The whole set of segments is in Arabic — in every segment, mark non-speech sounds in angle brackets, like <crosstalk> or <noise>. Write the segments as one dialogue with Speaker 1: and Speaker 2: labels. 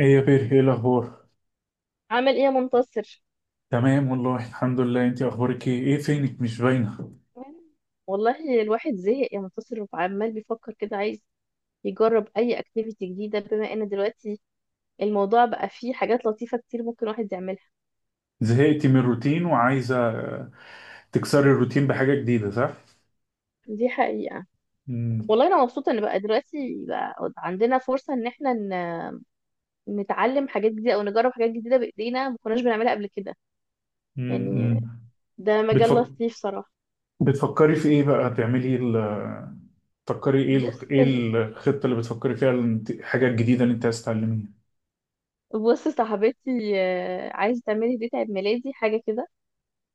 Speaker 1: ايه يا بير، ايه الاخبار؟
Speaker 2: عامل ايه يا منتصر؟
Speaker 1: تمام والله الحمد لله. انت اخبارك ايه فينك؟ مش باينه.
Speaker 2: والله الواحد زهق يا منتصر، وعمال بيفكر كده، عايز يجرب اي اكتيفيتي جديده، بما ان دلوقتي الموضوع بقى فيه حاجات لطيفه كتير ممكن الواحد يعملها.
Speaker 1: زهقتي من الروتين وعايزه تكسري الروتين بحاجه جديده، صح؟
Speaker 2: دي حقيقه.
Speaker 1: امم.
Speaker 2: والله انا مبسوطه ان بقى دلوقتي بقى عندنا فرصه ان احنا نتعلم حاجات جديده او نجرب حاجات جديده بايدينا ما كناش بنعملها قبل كده. يعني
Speaker 1: امم.
Speaker 2: ده مجال
Speaker 1: بتفك...
Speaker 2: لطيف صراحه.
Speaker 1: بتفكري في ايه بقى؟
Speaker 2: بص،
Speaker 1: ايه الخطه اللي بتفكري فيها؟ الحاجه الجديده اللي انت عايز تتعلميها.
Speaker 2: بص صاحبتي عايزه تعملي دي عيد ميلادي حاجه كده.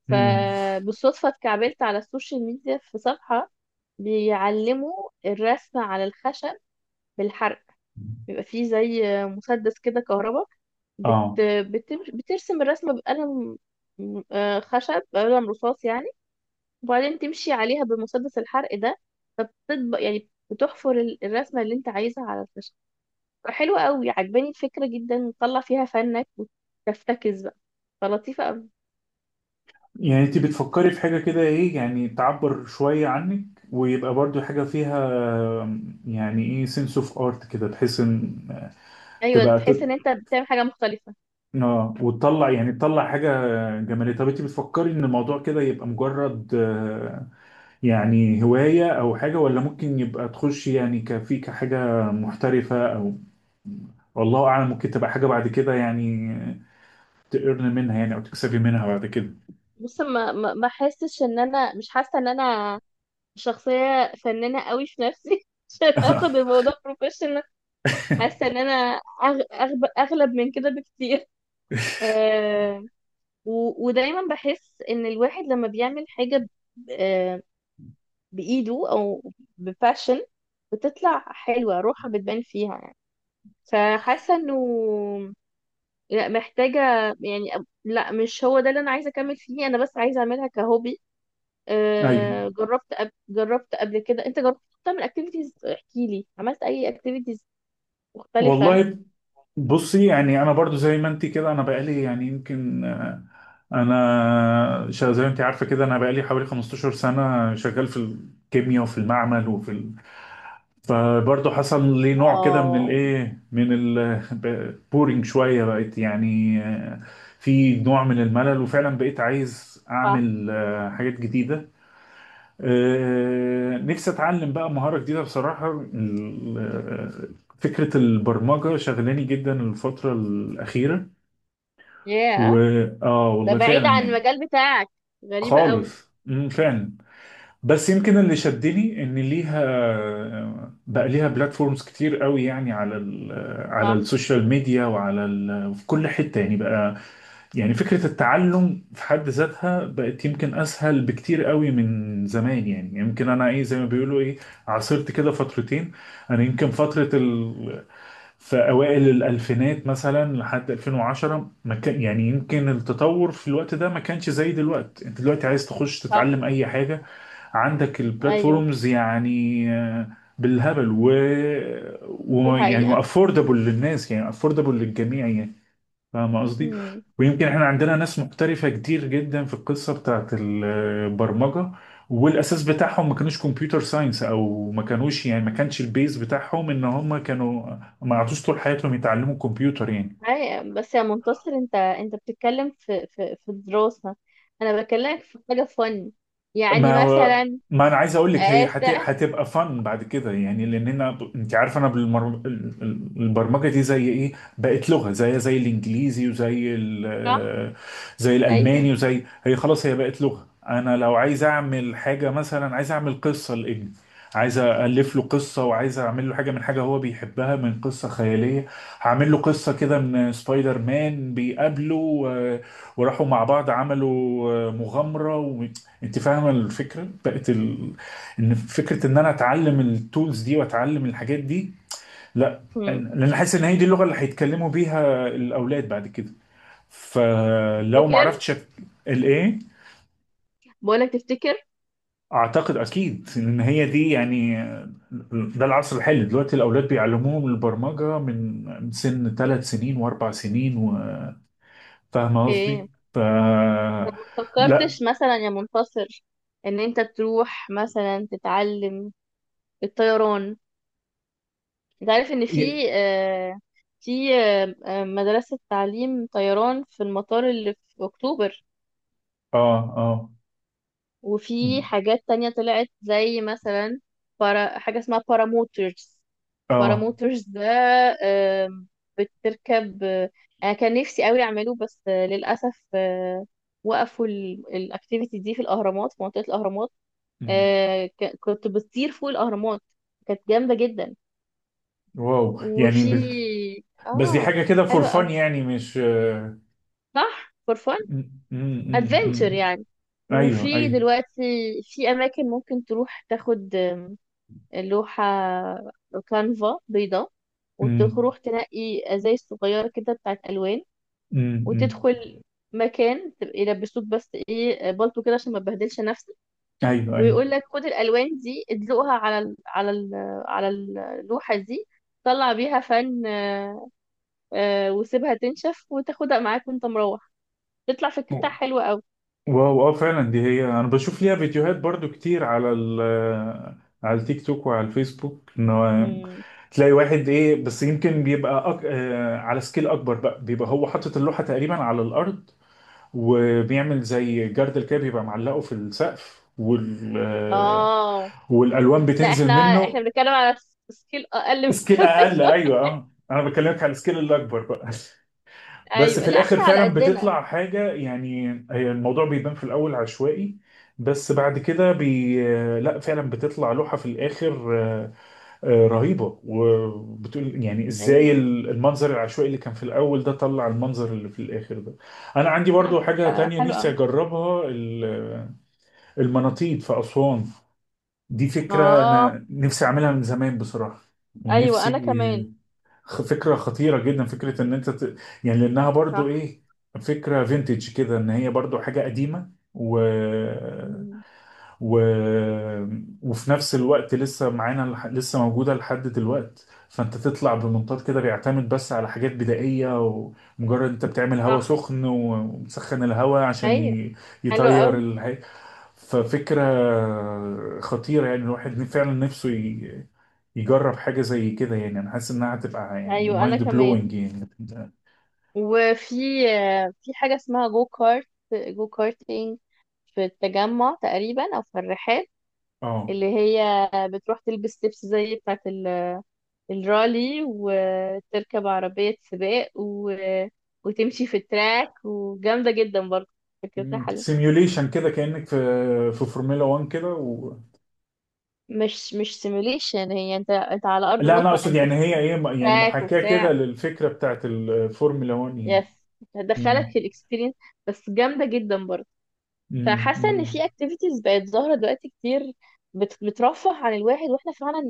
Speaker 1: امم.
Speaker 2: فبالصدفة اتكعبلت على السوشيال ميديا في صفحة بيعلموا الرسم على الخشب بالحرق. بيبقى فيه زي مسدس كده كهرباء. بت...
Speaker 1: اه.
Speaker 2: بترسم الرسمة بقلم خشب، قلم رصاص يعني، وبعدين تمشي عليها بمسدس الحرق ده. فبتطبق، يعني بتحفر الرسمة اللي انت عايزها على الخشب. حلوة قوي، عجباني الفكرة جدا، تطلع فيها فنك وتفتكس بقى. فلطيفة قوي.
Speaker 1: يعني انت بتفكري في حاجه كده ايه، يعني تعبر شويه عنك ويبقى برضو حاجه فيها يعني ايه سنس اوف ارت كده، تحس ان
Speaker 2: ايوه،
Speaker 1: تبقى
Speaker 2: تحس
Speaker 1: تط...
Speaker 2: ان انت بتعمل حاجة مختلفة.
Speaker 1: اه، وتطلع يعني تطلع حاجة جمالية. طب انت بتفكري ان الموضوع كده يبقى مجرد يعني هواية او حاجة، ولا ممكن يبقى تخش يعني كفي كحاجة محترفة، او والله اعلم ممكن تبقى حاجة بعد كده يعني تقرن منها يعني، او تكسبي منها بعد كده؟
Speaker 2: بص، ما حاسش، ان انا مش حاسه ان انا شخصيه فنانه قوي في نفسي <laughs> عشان اخد
Speaker 1: <laughs>
Speaker 2: الموضوع بروفيشنال. حاسه ان انا اغلب من كده بكتير. <laughs> آه... ودايما بحس ان الواحد لما بيعمل حاجه ب... آه... بايده او بباشن، بتطلع حلوه، روحها بتبان فيها يعني. فحاسه انه لا، محتاجه، يعني لا، مش هو ده اللي انا عايزه اكمل فيه، انا بس عايزه اعملها كهوبي.
Speaker 1: ايوه
Speaker 2: جربت قبل، جربت قبل كده، انت جربت تعمل اكتيفيتيز؟ احكي لي، عملت اي اكتيفيتيز مختلفة؟
Speaker 1: والله. بصي، يعني انا برضو زي ما انت كده، انا بقالي يعني يمكن زي ما انت عارفه كده، انا بقالي حوالي 15 سنه شغال في الكيمياء وفي المعمل فبرضو حصل لي نوع كده من
Speaker 2: اه.
Speaker 1: الايه، من البورينج <laughs> شويه. بقيت يعني في نوع من الملل، وفعلا بقيت عايز
Speaker 2: صح.
Speaker 1: اعمل حاجات جديده. نفسي اتعلم بقى مهارة جديدة بصراحة. فكرة البرمجة شغلاني جدا الفترة الأخيرة. و
Speaker 2: ياه،
Speaker 1: اه،
Speaker 2: ده
Speaker 1: والله
Speaker 2: بعيد
Speaker 1: فعلا
Speaker 2: عن
Speaker 1: يعني.
Speaker 2: المجال بتاعك، غريبة قوي.
Speaker 1: خالص. فعلا. بس يمكن اللي شدني ان ليها بقى ليها بلاتفورمز كتير قوي يعني على ال... آه، على
Speaker 2: صح.
Speaker 1: السوشيال ميديا، وعلى ال... آه، في كل حتة يعني بقى. يعني فكرة التعلم في حد ذاتها بقت يمكن أسهل بكتير قوي من زمان يعني. يعني يمكن أنا إيه، زي ما بيقولوا إيه، عاصرت كده فترتين. أنا يمكن في أوائل الألفينات مثلا لحد 2010، ما كان يعني يمكن التطور في الوقت ده ما كانش زي دلوقتي. أنت دلوقتي عايز تخش
Speaker 2: صح.
Speaker 1: تتعلم أي حاجة، عندك
Speaker 2: ايوه،
Speaker 1: البلاتفورمز يعني بالهبل،
Speaker 2: دي
Speaker 1: يعني
Speaker 2: حقيقة.
Speaker 1: وأفوردبل للناس، يعني أفوردبل للجميع يعني. فاهم قصدي؟
Speaker 2: امم.
Speaker 1: ويمكن احنا عندنا ناس محترفة كتير جدا في القصة بتاعت البرمجة، والاساس بتاعهم ما كانوش كمبيوتر ساينس، او ما كانوش يعني ما كانش البيز بتاعهم ان هم كانوا ما عادوش طول حياتهم يتعلموا كمبيوتر يعني.
Speaker 2: بس يا منتصر، انت انت بتتكلم في الدراسة، انا بكلمك في حاجة فن. يعني
Speaker 1: ما هو،
Speaker 2: مثلا
Speaker 1: ما انا عايز اقول لك هي
Speaker 2: آه، است <laughs>
Speaker 1: هتبقى فن بعد كده يعني. لان انت عارف انا البرمجه دي زي ايه، بقت لغه، زي الانجليزي
Speaker 2: صح.
Speaker 1: زي
Speaker 2: ايوه.
Speaker 1: الالماني، وزي هي خلاص هي بقت لغه. انا لو عايز اعمل حاجه، مثلا عايز اعمل قصه لابني، عايز الف له قصه، وعايز اعمل له حاجه من حاجه هو بيحبها، من قصه خياليه، هعمل له قصه كده من سبايدر مان بيقابله وراحوا مع بعض عملوا مغامرة. انت فاهمه الفكره بقت ان فكره ان انا اتعلم التولز دي واتعلم الحاجات دي. لا أنا-
Speaker 2: امم.
Speaker 1: لان حاسس ان هي دي اللغه اللي هيتكلموا بيها الاولاد بعد كده. فلو ما
Speaker 2: فاكر؟
Speaker 1: عرفتش الايه.
Speaker 2: بقولك، تفتكر؟
Speaker 1: اعتقد اكيد ان هي دي يعني، ده العصر الحالي دلوقتي، الاولاد بيعلموهم البرمجه من سن ثلاث سنين واربع سنين. وفاهمه
Speaker 2: اوكي،
Speaker 1: قصدي، ف
Speaker 2: طب، ما
Speaker 1: لا.
Speaker 2: فكرتش مثلا يا منتصر ان انت تروح مثلا تتعلم الطيران؟ انت عارف ان
Speaker 1: ي-
Speaker 2: في في مدرسة تعليم طيران في المطار اللي في اكتوبر.
Speaker 1: اه، اه،
Speaker 2: وفي حاجات تانية طلعت زي مثلا برا، حاجة اسمها باراموترز.
Speaker 1: اه.
Speaker 2: باراموترز ده آم، بتركب انا كان نفسي قوي اعمله، بس للاسف وقفوا الاكتيفيتي دي في الاهرامات، في منطقة الاهرامات.
Speaker 1: مم.
Speaker 2: آه، كنت بتطير فوق الأهرامات. كانت جامدة جدا.
Speaker 1: واو، يعني.
Speaker 2: وفي
Speaker 1: بس دي
Speaker 2: اه.
Speaker 1: حاجة كده فور
Speaker 2: حلوة
Speaker 1: فن
Speaker 2: أوي،
Speaker 1: يعني، مش
Speaker 2: صح، فور فن،
Speaker 1: م-
Speaker 2: ادفنتشر
Speaker 1: م.
Speaker 2: يعني.
Speaker 1: ايوه،
Speaker 2: وفي
Speaker 1: ايوه.
Speaker 2: دلوقتي في أماكن ممكن تروح تاخد لوحة، كانفا بيضاء،
Speaker 1: م-
Speaker 2: وتروح تنقي ازاي صغيرة كده بتاعت ألوان،
Speaker 1: م.
Speaker 2: وتدخل مكان تبقى يلبسوك بس ايه، بالطو كده عشان ما تبهدلش نفسك،
Speaker 1: ايوه، ايوه.
Speaker 2: ويقول لك خد الالوان دي ادلقها على ال على اللوحه دي، طلع بيها فن. وسيبها تنشف وتاخدها معاك وانت مروح. تطلع فكرتها حلوه قوي.
Speaker 1: واو، اه فعلا دي هي. انا بشوف ليها فيديوهات برضو كتير على على التيك توك وعلى الفيسبوك، ان هو
Speaker 2: امم.
Speaker 1: تلاقي واحد ايه بس يمكن بيبقى أك... آه، على سكيل اكبر بقى، بيبقى هو حاطط اللوحة تقريبا على الارض وبيعمل زي جردل كده بيبقى معلقه في السقف
Speaker 2: اه.
Speaker 1: والالوان
Speaker 2: لا، احنا
Speaker 1: بتنزل منه.
Speaker 2: احنا بنتكلم على سكيل اقل من <laughs>
Speaker 1: سكيل
Speaker 2: كده
Speaker 1: اقل،
Speaker 2: شوية.
Speaker 1: ايوه، اه، انا بكلمك على السكيل الاكبر بقى. بس
Speaker 2: ايوه،
Speaker 1: في
Speaker 2: لا احنا
Speaker 1: الاخر
Speaker 2: على
Speaker 1: فعلا
Speaker 2: قدنا.
Speaker 1: بتطلع حاجه يعني، هي الموضوع بيبان في الاول عشوائي، بس بعد كده لا فعلا بتطلع لوحه في الاخر رهيبه، وبتقول يعني ازاي
Speaker 2: ايوه.
Speaker 1: المنظر العشوائي اللي كان في الاول ده طلع المنظر اللي في الاخر ده. انا عندي برضو حاجه تانية
Speaker 2: حلو
Speaker 1: نفسي
Speaker 2: قوي.
Speaker 1: اجربها، المناطيد في اسوان. دي فكره
Speaker 2: اه.
Speaker 1: انا نفسي اعملها من زمان بصراحه.
Speaker 2: ايوه،
Speaker 1: ونفسي
Speaker 2: انا كمان.
Speaker 1: فكرة خطيرة جدا، فكرة ان انت يعني لانها برضو
Speaker 2: صح.
Speaker 1: ايه، فكرة فينتج كده، ان هي برضو حاجة قديمة
Speaker 2: مم.
Speaker 1: و... وفي نفس الوقت لسه معانا لسه موجودة لحد دلوقت. فانت تطلع بمنطاد كده بيعتمد بس على حاجات بدائية، ومجرد انت بتعمل هواء
Speaker 2: صح.
Speaker 1: سخن ومسخن الهواء عشان
Speaker 2: ايوه، حلو
Speaker 1: يطير
Speaker 2: قوي.
Speaker 1: ففكرة خطيرة يعني، الواحد فعلا نفسه يجرب حاجة زي كده يعني. أنا حاسس إنها هتبقى يعني
Speaker 2: ايوه، انا
Speaker 1: مايند
Speaker 2: كمان.
Speaker 1: بلوينج يعني.
Speaker 2: وفي في حاجة اسمها جو كارت، جو كارتينج، في التجمع تقريبا أو في الرحاب،
Speaker 1: اه،
Speaker 2: اللي هي بتروح تلبس لبس زي بتاعة الرالي، وتركب عربية سباق، و... وتمشي في التراك، وجامدة جدا برضه، فكرتها حلوة.
Speaker 1: سيميوليشن كده كأنك في فورمولا 1 كده
Speaker 2: مش، مش سيميوليشن، هي انت، انت على أرض
Speaker 1: لا أنا
Speaker 2: الواقع،
Speaker 1: أقصد
Speaker 2: انت
Speaker 1: يعني هي
Speaker 2: في
Speaker 1: إيه، يعني
Speaker 2: تراك
Speaker 1: محاكاة كده
Speaker 2: وبتاع.
Speaker 1: للفكرة بتاعت الفورمولا 1
Speaker 2: يس،
Speaker 1: يعني.
Speaker 2: هتدخلك
Speaker 1: مم.
Speaker 2: في الاكسبيرينس، بس جامدة جدا برضه.
Speaker 1: مم.
Speaker 2: فحاسه ان
Speaker 1: مم.
Speaker 2: في اكتيفيتيز بقت ظاهره دلوقتي كتير، بترفه عن الواحد، واحنا فعلا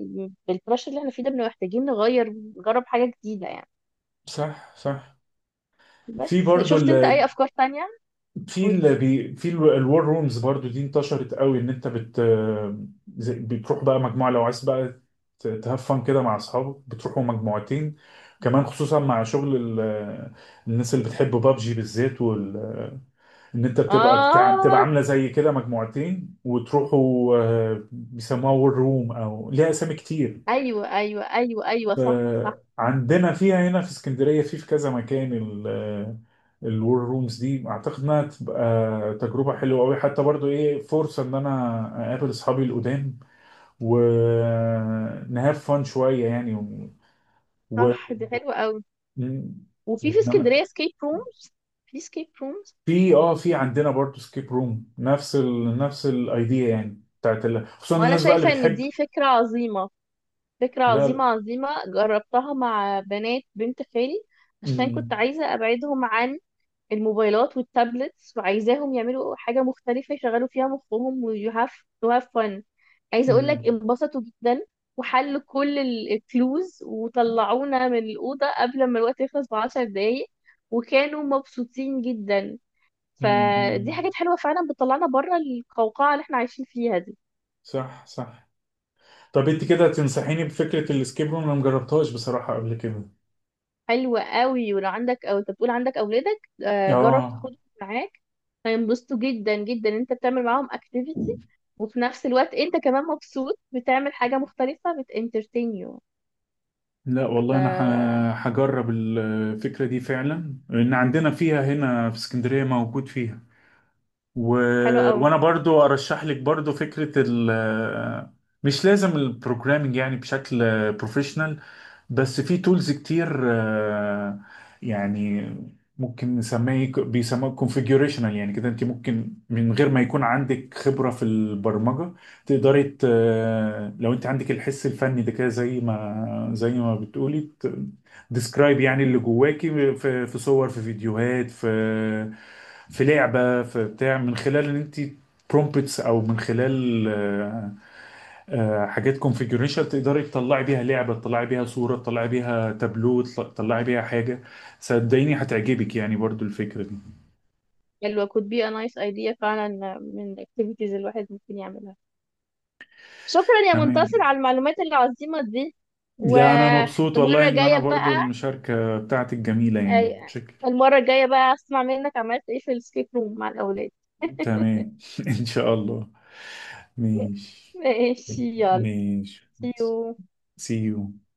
Speaker 2: بالبرشر اللي احنا فيه ده بنبقى محتاجين نغير، نجرب حاجه جديده يعني.
Speaker 1: صح، صح. في
Speaker 2: بس
Speaker 1: برضو
Speaker 2: شفت
Speaker 1: ال-
Speaker 2: انت اي افكار تانية؟
Speaker 1: في
Speaker 2: قولي.
Speaker 1: ال بي- في ال- الوار رومز برضو دي انتشرت قوي، ان انت زي- بتروح بقى مجموعه لو عايز بقى تهفن كده مع اصحابك، بتروحوا مجموعتين، كمان خصوصا مع شغل الناس اللي بتحب بابجي بالذات وال، ان انت بتبقى بتاع بتبقى
Speaker 2: اه.
Speaker 1: عامله زي كده مجموعتين وتروحوا بيسموها وور روم او ليها اسامي كتير.
Speaker 2: ايوه صح صح.
Speaker 1: فعندنا فيها هنا في اسكندرية في كذا مكان الور رومز دي، اعتقد انها تبقى تجربة حلوة قوي، حتى برضو ايه فرصة ان انا اقابل اصحابي القدام ونهاف فان شوية يعني و...
Speaker 2: صح، دي حلوه قوي. وفي،
Speaker 1: يعني
Speaker 2: في
Speaker 1: انا.
Speaker 2: اسكندريه سكيب رومز. في سكيب رومز.
Speaker 1: في عندنا برضو سكيب روم، نفس نفس الايديا يعني بتاعت خصوصا
Speaker 2: وانا
Speaker 1: الناس بقى اللي
Speaker 2: شايفه ان
Speaker 1: بتحب.
Speaker 2: دي فكره عظيمه، فكره
Speaker 1: لا،
Speaker 2: عظيمه
Speaker 1: لا.
Speaker 2: عظيمه. جربتها مع بنات بنت خالي، عشان كنت
Speaker 1: امم.
Speaker 2: عايزه ابعدهم عن الموبايلات والتابلتس، وعايزاهم يعملوا حاجة مختلفة يشغلوا فيها مخهم. و you have to have fun. عايزة اقول لك
Speaker 1: امم.
Speaker 2: انبسطوا جدا، وحلوا كل الكلوز وطلعونا من الأوضة قبل ما الوقت يخلص بـ10 دقايق، وكانوا مبسوطين جدا.
Speaker 1: امم.
Speaker 2: فدي
Speaker 1: أمم.
Speaker 2: حاجات حلوة فعلا بتطلعنا بره القوقعة اللي احنا عايشين فيها دي.
Speaker 1: صح، صح. طب انت كده تنصحيني بفكرة الاسكيب روم؟ انا مجربتهاش بصراحة قبل كده.
Speaker 2: حلوة قوي، ولو عندك، او انت بتقول عندك اولادك، جرب
Speaker 1: اه.
Speaker 2: تاخدهم معاك، هينبسطوا جدا جدا. انت بتعمل معاهم اكتيفيتي، وفي نفس الوقت انت كمان مبسوط بتعمل حاجة مختلفة، بتانترتين يو.
Speaker 1: لا والله، انا
Speaker 2: ف
Speaker 1: هجرب الفكرة دي فعلا، لان عندنا فيها هنا في اسكندرية موجود فيها و...
Speaker 2: حلو قوي.
Speaker 1: وانا برضو ارشح لك برضو فكرة ال، مش لازم البروجرامينج يعني بشكل بروفيشنال، بس في تولز كتير يعني ممكن نسميه بيسموه كونفيجوريشنال يعني كده، انت ممكن من غير ما يكون عندك خبرة في البرمجة تقدري لو انت عندك الحس الفني ده كده، زي ما بتقولي، ديسكرايب يعني اللي جواكي في صور، في فيديوهات، في في لعبة، في بتاع، من خلال ان انت برومبتس او من خلال حاجات كونفيجريشن، تقدري تطلعي بيها لعبة، تطلعي بيها صورة، تطلعي بيها تابلو، تطلعي بيها حاجة. صدقيني هتعجبك يعني برضو الفكرة دي.
Speaker 2: حلوة، could be a nice idea فعلا من activities الواحد ممكن يعملها. شكرا يا
Speaker 1: تمام.
Speaker 2: منتصر على المعلومات العظيمة دي.
Speaker 1: لا، انا مبسوط
Speaker 2: والمرة
Speaker 1: والله، ان انا
Speaker 2: الجاية بقى،
Speaker 1: برضو المشاركة بتاعتك جميلة يعني، شكل.
Speaker 2: المرة الجاية بقى اسمع منك عملت ايه في السكيب روم مع الأولاد.
Speaker 1: تمام <laughs> ان شاء الله. ماشي.
Speaker 2: ماشي، يلا.
Speaker 1: ماشي.
Speaker 2: See you.
Speaker 1: سي يو.